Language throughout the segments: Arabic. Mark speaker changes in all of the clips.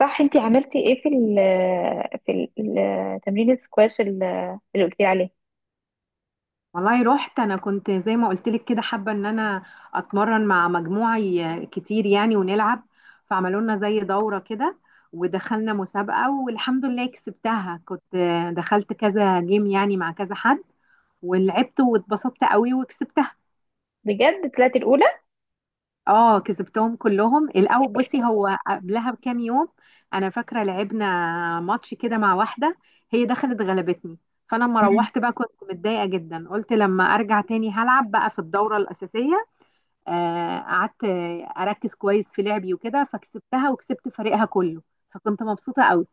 Speaker 1: صح، انتي عملتي ايه في في ال تمرين السكواش، اللي قلتي عليه؟
Speaker 2: والله رحت، انا كنت زي ما قلت لك كده حابه ان انا اتمرن مع مجموعه كتير يعني، ونلعب. فعملوا لنا زي دوره كده ودخلنا مسابقه والحمد لله كسبتها. كنت دخلت كذا جيم يعني مع كذا حد، ولعبت واتبسطت قوي وكسبتها.
Speaker 1: بجد طلعتي الاولى؟
Speaker 2: اه، كسبتهم كلهم الاول. بصي، هو قبلها بكام يوم انا فاكره لعبنا ماتش كده مع واحده، هي دخلت غلبتني. فانا لما
Speaker 1: مم.
Speaker 2: روحت بقى كنت متضايقه جدا، قلت لما ارجع تاني هلعب بقى في الدوره الاساسيه. قعدت اركز كويس في لعبي وكده، فكسبتها وكسبت فريقها كله، فكنت مبسوطه قوي.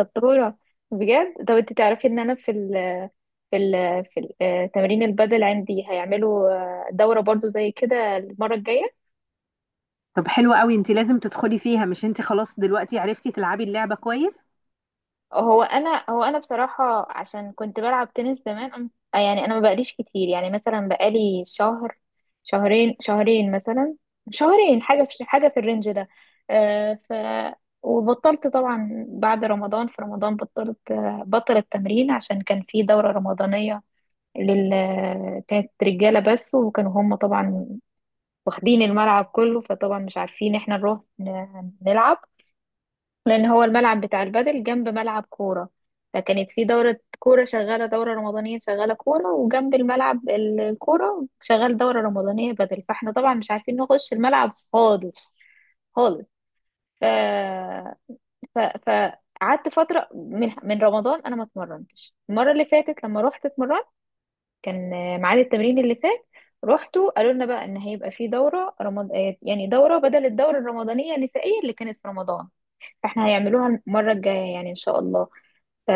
Speaker 1: شطوره بجد. طب انتي تعرفي ان انا في ال في تمرين البدل عندي هيعملوا دوره برضو زي كده المره الجايه.
Speaker 2: طب حلو قوي، انت لازم تدخلي فيها. مش انت خلاص دلوقتي عرفتي تلعبي اللعبه كويس؟
Speaker 1: هو انا بصراحه عشان كنت بلعب تنس زمان، يعني انا ما بقاليش كتير، يعني مثلا بقالي شهرين مثلا، شهرين حاجه، في حاجه في الرينج ده. آه ف وبطلت طبعا بعد رمضان. في رمضان بطلت، بطل التمرين عشان كان في دوره رمضانيه لل كانت رجاله بس، وكانوا هم طبعا واخدين الملعب كله، فطبعا مش عارفين احنا نروح نلعب لان هو الملعب بتاع البادل جنب ملعب كوره. فكانت في دوره كوره شغاله، دوره رمضانيه شغاله كوره، وجنب الملعب الكوره شغال دوره رمضانيه بادل، فاحنا طبعا مش عارفين نخش الملعب خالص، خالص. ف ف فقعدت فتره من رمضان انا ما اتمرنتش. المره اللي فاتت لما رحت اتمرنت كان ميعاد التمرين اللي فات رحتوا، قالوا لنا بقى ان هيبقى في دوره رمض... آه، يعني دوره بدل، الدوره الرمضانيه النسائيه اللي كانت في رمضان فاحنا هيعملوها المره الجايه يعني ان شاء الله. ف-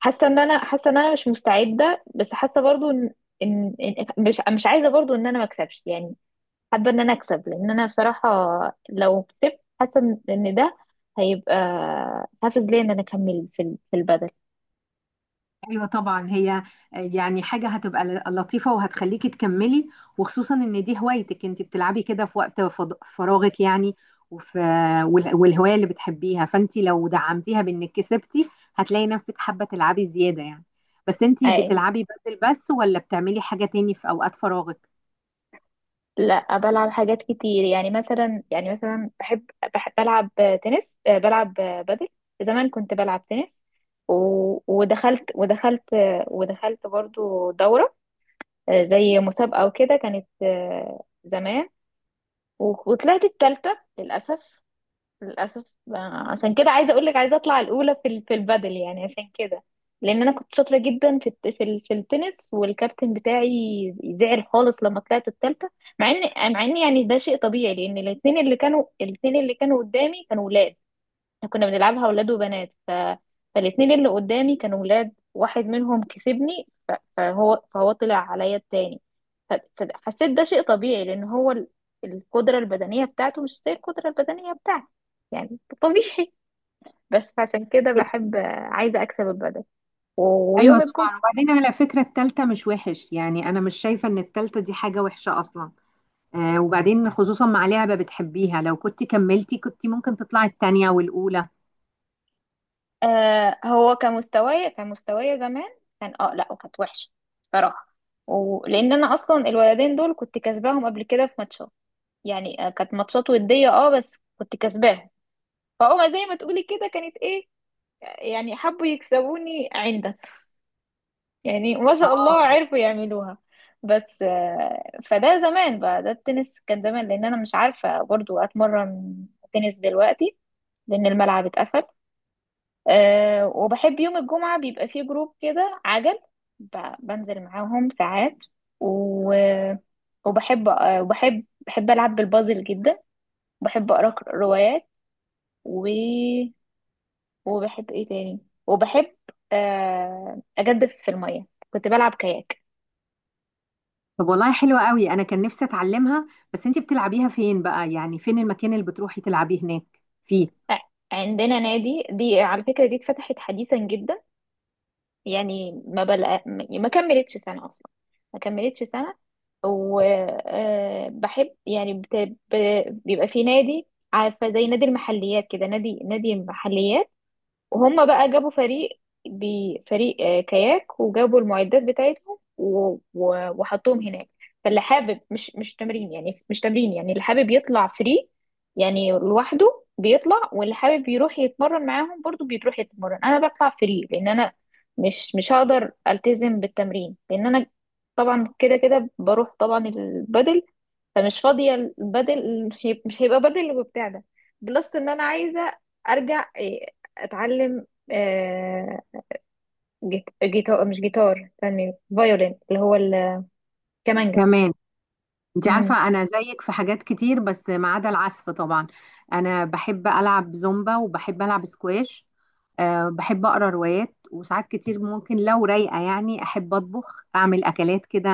Speaker 1: حاسه ان انا، حاسه ان انا مش مستعده، بس حاسه برضو ان، ان مش عايزه برضو ان انا ما اكسبش يعني. حابه ان انا اكسب لان انا بصراحه لو كسبت حاسه ان إن ده هيبقى حافز ليا ان انا اكمل في البدل.
Speaker 2: ايوه طبعا، هي يعني حاجه هتبقى لطيفه وهتخليكي تكملي، وخصوصا ان دي هوايتك. انت بتلعبي كده في وقت فراغك يعني، وفي والهوايه اللي بتحبيها. فانت لو دعمتيها بانك كسبتي هتلاقي نفسك حابه تلعبي زياده يعني. بس انت
Speaker 1: اي
Speaker 2: بتلعبي بدل بس، ولا بتعملي حاجه تاني في اوقات فراغك؟
Speaker 1: لا، بلعب حاجات كتير. يعني مثلا بحب، بحب بلعب تنس، بلعب بدل. زمان كنت بلعب تنس، و ودخلت برضو دورة، زي مسابقة وكده، كانت زمان، وطلعت التالتة للأسف. للأسف عشان كده عايزة أقولك، عايزة أطلع الأولى في البادل يعني عشان كده. لأن أنا كنت شاطرة جدا في التنس، والكابتن بتاعي زعل خالص لما طلعت التالتة. مع إن، مع إن يعني ده شيء طبيعي، لأن الاتنين اللي كانوا قدامي كانوا ولاد. كنا بنلعبها ولاد وبنات، فالاتنين اللي قدامي كانوا ولاد، واحد منهم كسبني، ف... فهو فهو طلع عليا التاني. ف... فحسيت ده شيء طبيعي، لان هو القدرة البدنية بتاعته مش زي القدرة البدنية بتاعتي، يعني طبيعي. بس عشان كده بحب، عايزة أكسب البدل.
Speaker 2: ايوه
Speaker 1: ويوم الجمعة.
Speaker 2: طبعا. وبعدين على فكره التالتة مش وحش يعني، انا مش شايفه ان التالتة دي حاجه وحشه اصلا. وبعدين خصوصا مع لعبة بتحبيها، لو كنت كملتي كنت ممكن تطلعي التانية والأولى.
Speaker 1: آه، هو كمستوايا زمان كان، اه لا، وكانت وحشة صراحة، ولأن أنا أصلا الولدين دول كنت كسباهم قبل كده في ماتشات. يعني كانت ماتشات ودية، اه، بس كنت كسباهم، فهما زي ما تقولي كده كانت ايه، يعني حبوا يكسبوني عندا. يعني ما شاء الله
Speaker 2: اه.
Speaker 1: عرفوا يعملوها. بس فده زمان بقى، ده التنس كان زمان، لان انا مش عارفة برضو اتمرن تنس دلوقتي لان الملعب اتقفل. أه، وبحب يوم الجمعة بيبقى فيه جروب كده عجل، بنزل معاهم ساعات، و... وبحب، أه، وبحب العب بالبازل جدا. بحب اقرا روايات، و... وبحب ايه تاني، وبحب اجدف في الميه، كنت بلعب كاياك.
Speaker 2: طب والله حلوة قوي، أنا كان نفسي أتعلمها. بس أنت بتلعبيها فين بقى؟ يعني فين المكان اللي بتروحي تلعبيه هناك فيه
Speaker 1: آه، عندنا نادي، دي على فكره دي اتفتحت حديثا جدا، يعني ما كملتش سنه اصلا، ما كملتش سنه. وبحب يعني ب... بيبقى في نادي، عارفه زي نادي المحليات كده، نادي، نادي محليات، وهم بقى جابوا فريق، بفريق كاياك، وجابوا المعدات بتاعتهم وحطوهم هناك. فاللي حابب مش تمرين يعني، مش تمرين يعني، اللي حابب يطلع فري يعني لوحده بيطلع، واللي حابب يروح يتمرن معاهم برضو بيروح يتمرن. انا بطلع فري لان انا مش هقدر التزم بالتمرين، لان انا طبعا كده كده بروح طبعا البدل، فمش فاضية. بدل، مش هيبقى بدل اللي بتاعنا، بلس ان انا عايزة ارجع اتعلم آه، جيتار، مش جيتار، استني، فيولين، اللي هو الكمانجا.
Speaker 2: كمان؟ أنت
Speaker 1: مم.
Speaker 2: عارفة أنا زيك في حاجات كتير، بس ما عدا العزف طبعا. أنا بحب ألعب زومبا وبحب ألعب سكواش. أه، بحب أقرأ روايات، وساعات كتير ممكن لو رايقة يعني أحب أطبخ أعمل أكلات كده.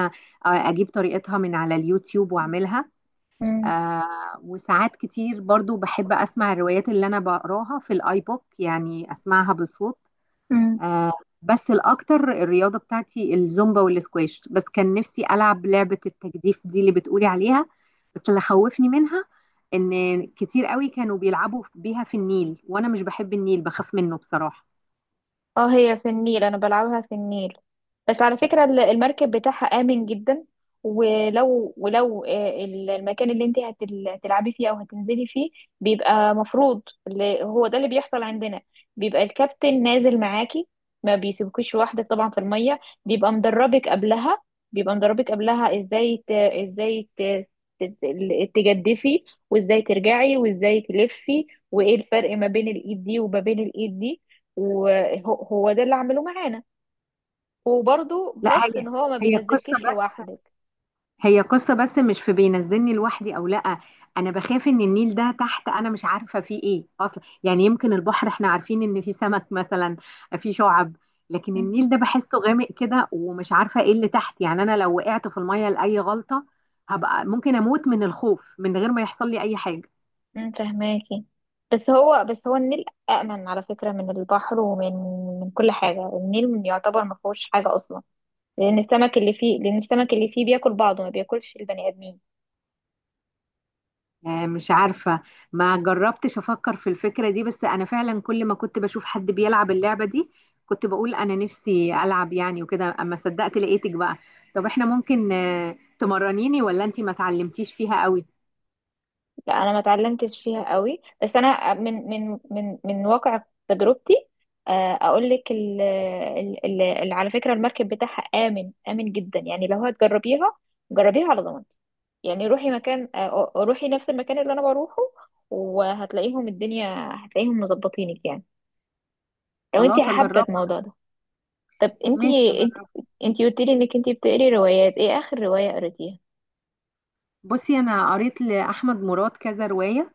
Speaker 2: أجيب طريقتها من على اليوتيوب وأعملها.
Speaker 1: مم.
Speaker 2: آه، وساعات كتير برضو بحب أسمع الروايات اللي أنا بقراها في الآيبوك يعني أسمعها بصوت.
Speaker 1: مم.
Speaker 2: آه. بس الأكتر، الرياضة بتاعتي الزومبا والسكواش. بس كان نفسي ألعب لعبة التجديف دي اللي بتقولي عليها، بس اللي خوفني منها إن كتير قوي كانوا بيلعبوا بيها في النيل، وأنا مش بحب النيل، بخاف منه بصراحة.
Speaker 1: اه، هي في النيل، انا بلعبها في النيل، بس على فكرة المركب بتاعها آمن جدا. ولو، ولو المكان اللي انت هتلعبي فيه او هتنزلي فيه بيبقى مفروض، اللي هو ده اللي بيحصل عندنا، بيبقى الكابتن نازل معاكي، ما بيسيبكوش لوحدك طبعا في المية. بيبقى مدربك قبلها بيبقى مدربك قبلها ازاي تجدفي، وازاي ترجعي، وازاي تلفي، وايه الفرق ما بين الايد دي وما بين الايد دي. وهو ده اللي عمله معانا. وبرضه
Speaker 2: لا،
Speaker 1: بلس
Speaker 2: هي
Speaker 1: ان هو ما
Speaker 2: هي القصة
Speaker 1: بينزلكيش
Speaker 2: بس.
Speaker 1: لوحدك.
Speaker 2: هي قصة بس، مش في بينزلني لوحدي او لا. انا بخاف ان النيل ده تحت انا مش عارفة فيه ايه اصلا. يعني يمكن البحر احنا عارفين ان فيه سمك مثلا، فيه شعب، لكن
Speaker 1: مم.
Speaker 2: النيل ده بحسه غامق كده، ومش عارفة ايه اللي تحت. يعني انا لو وقعت في المية لأي غلطة هبقى ممكن اموت من الخوف من غير ما يحصل لي اي حاجة.
Speaker 1: أمم، فهماكي. بس هو النيل أأمن على فكرة من البحر، ومن من كل حاجة، النيل يعتبر ما فيهوش حاجة أصلا، لأن السمك اللي فيه بياكل بعضه، ما بياكلش البني آدمين.
Speaker 2: مش عارفة، ما جربتش أفكر في الفكرة دي. بس أنا فعلا كل ما كنت بشوف حد بيلعب اللعبة دي كنت بقول أنا نفسي ألعب يعني، وكده أما صدقت لقيتك بقى. طب إحنا ممكن تمرنيني ولا أنتي ما تعلمتيش فيها قوي؟
Speaker 1: لا، أنا ما اتعلمتش فيها قوي، بس أنا من واقع تجربتي، أقول لك على فكرة المركب بتاعها آمن، آمن جدا. يعني لو هتجربيها، جربيها على ضمانتي، يعني روحي مكان، روحي نفس المكان اللي انا بروحه، وهتلاقيهم الدنيا، هتلاقيهم مظبطينك يعني، لو انت
Speaker 2: خلاص
Speaker 1: حابه
Speaker 2: أجربها.
Speaker 1: الموضوع ده. طب انت،
Speaker 2: ماشي
Speaker 1: انت
Speaker 2: أجربها.
Speaker 1: انت قلت لي انك انت بتقري روايات، ايه اخر روايه قريتيها؟
Speaker 2: بصي، أنا قريت لأحمد مراد كذا رواية.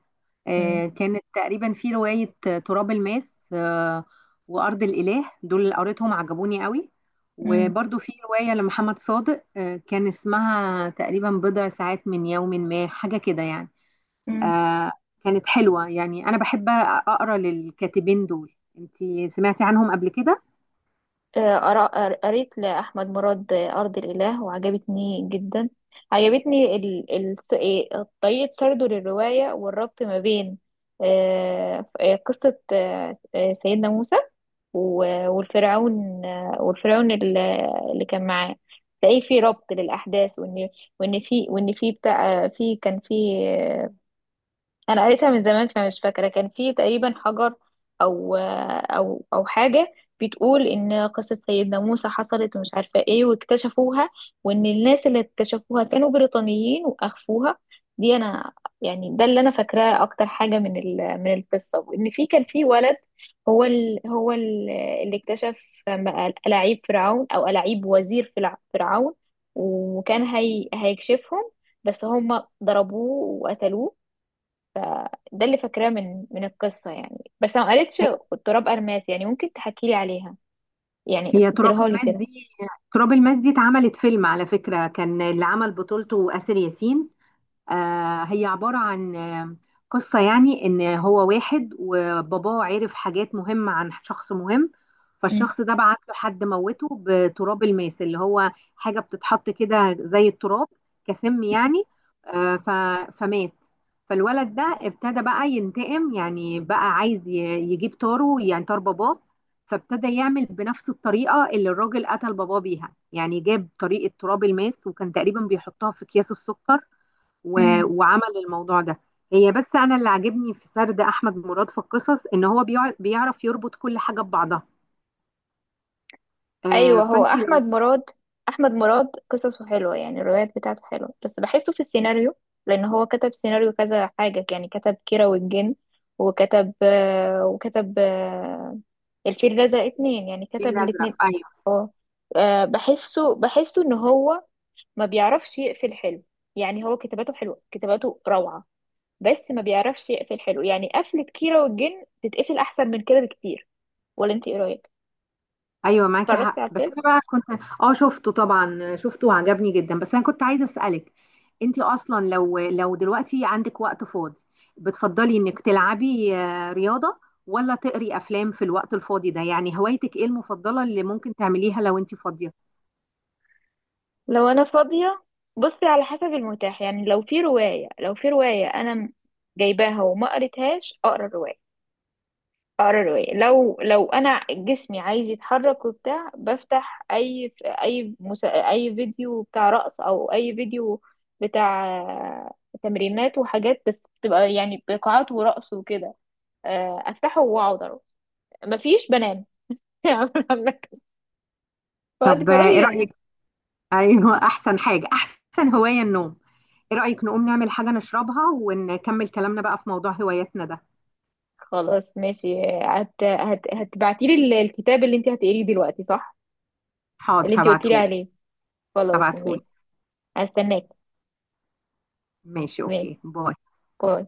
Speaker 1: امم.
Speaker 2: كانت تقريبا في رواية، تراب الماس، وأرض الإله، دول اللي قريتهم عجبوني قوي.
Speaker 1: امم
Speaker 2: وبرضو في رواية لمحمد صادق، كان اسمها تقريبا بضع ساعات من يوم، ما حاجة كده يعني.
Speaker 1: مم.
Speaker 2: آه، كانت حلوة يعني. أنا بحب أقرأ للكاتبين دول، انتي سمعتي عنهم قبل كده؟
Speaker 1: قريت لأحمد مراد أرض الإله وعجبتني جدا. عجبتني ال... ال... إيه، طريقة سرده للرواية، والربط ما بين قصة سيدنا موسى والفرعون، والفرعون اللي كان معاه. تلاقيه في ربط للأحداث، وإن وإن في وإن في بتاع في كان في، انا قريتها من زمان فمش فاكره، كان في تقريبا حجر او حاجه بتقول ان قصه سيدنا موسى حصلت ومش عارفه ايه، واكتشفوها، وان الناس اللي اكتشفوها كانوا بريطانيين واخفوها. دي انا يعني ده اللي انا فاكراه اكتر حاجه من القصه. وان في، كان في ولد، هو ال هو ال اللي اكتشف بقى الاعيب فرعون، او الاعيب وزير فرعون، وكان هي هيكشفهم بس هم ضربوه وقتلوه. ده اللي فاكراه من القصة يعني، بس أنا ما قريتش
Speaker 2: هي
Speaker 1: التراب أرماس، يعني ممكن تحكي لي عليها، يعني
Speaker 2: هي تراب
Speaker 1: اختصرها لي
Speaker 2: الماس
Speaker 1: كده.
Speaker 2: دي تراب الماس دي اتعملت فيلم على فكرة، كان اللي عمل بطولته آسر ياسين. هي عبارة عن قصة يعني، إن هو واحد وباباه عرف حاجات مهمة عن شخص مهم.
Speaker 1: مم.
Speaker 2: فالشخص ده بعت له حد موته بتراب الماس، اللي هو حاجة بتتحط كده زي التراب، كسم يعني. فمات. فالولد ده ابتدى بقى ينتقم، يعني بقى عايز يجيب طاره يعني طار باباه. فابتدى يعمل بنفس الطريقة اللي الراجل قتل باباه بيها، يعني جاب طريقة تراب الماس وكان تقريبا بيحطها في أكياس السكر،
Speaker 1: امم
Speaker 2: وعمل الموضوع ده. هي بس انا اللي عاجبني في سرد احمد مراد في القصص ان هو بيعرف يربط كل حاجه ببعضها. آه،
Speaker 1: أيوه. هو
Speaker 2: فانتي
Speaker 1: أحمد
Speaker 2: لو.
Speaker 1: مراد أحمد مراد قصصه حلوة، يعني الروايات بتاعته حلوة، بس بحسه في السيناريو، لأن هو كتب سيناريو كذا حاجة. يعني كتب كيرة والجن، وكتب الفيل الأزرق اتنين، يعني
Speaker 2: الفيل
Speaker 1: كتب
Speaker 2: الازرق،
Speaker 1: الاتنين.
Speaker 2: ايوه.
Speaker 1: أه، بحسه إن هو ما بيعرفش يقفل حلو. يعني هو كتاباته حلوة، كتاباته روعة، بس ما بيعرفش يقفل حلو، يعني قفلة كيرة والجن تتقفل أحسن من كده بكتير. ولا أنت إيه رأيك؟
Speaker 2: ايوه معاكي
Speaker 1: اتفرجتي
Speaker 2: حق،
Speaker 1: على
Speaker 2: بس
Speaker 1: الفيلم؟
Speaker 2: انا بقى كنت. اه، شفته طبعا شفته وعجبني جدا. بس انا كنت عايزه اسالك، انتي اصلا لو دلوقتي عندك وقت فاضي بتفضلي انك تلعبي رياضه ولا تقري افلام في الوقت الفاضي ده؟ يعني هوايتك ايه المفضله اللي ممكن تعمليها لو انتي فاضيه؟
Speaker 1: لو أنا فاضية، بصي على حسب المتاح. يعني لو في رواية أنا جايباها وما قريتهاش أقرأ الرواية. أقرأ الرواية لو لو أنا جسمي عايز يتحرك وبتاع، بفتح أي فيديو بتاع رقص، أو أي فيديو بتاع تمرينات وحاجات، بس بتبقى يعني بقاعات ورقص وكده. افتحه واقعد أروح. مفيش، بنام. يعني مركز، وقت
Speaker 2: طب ايه
Speaker 1: فراغي بنام.
Speaker 2: رايك. ايوه احسن حاجه احسن هوايه النوم. ايه رايك نقوم نعمل حاجه نشربها ونكمل كلامنا بقى في موضوع هواياتنا ده؟
Speaker 1: خلاص ماشي. هتبعتي لي الكتاب اللي انت هتقريه دلوقتي، صح؟
Speaker 2: حاضر
Speaker 1: اللي انت قلتي لي
Speaker 2: هبعتهولك.
Speaker 1: عليه. خلاص
Speaker 2: هبعتهولك.
Speaker 1: ماشي، هستناك.
Speaker 2: ماشي،
Speaker 1: ماشي،
Speaker 2: اوكي، باي.
Speaker 1: باي.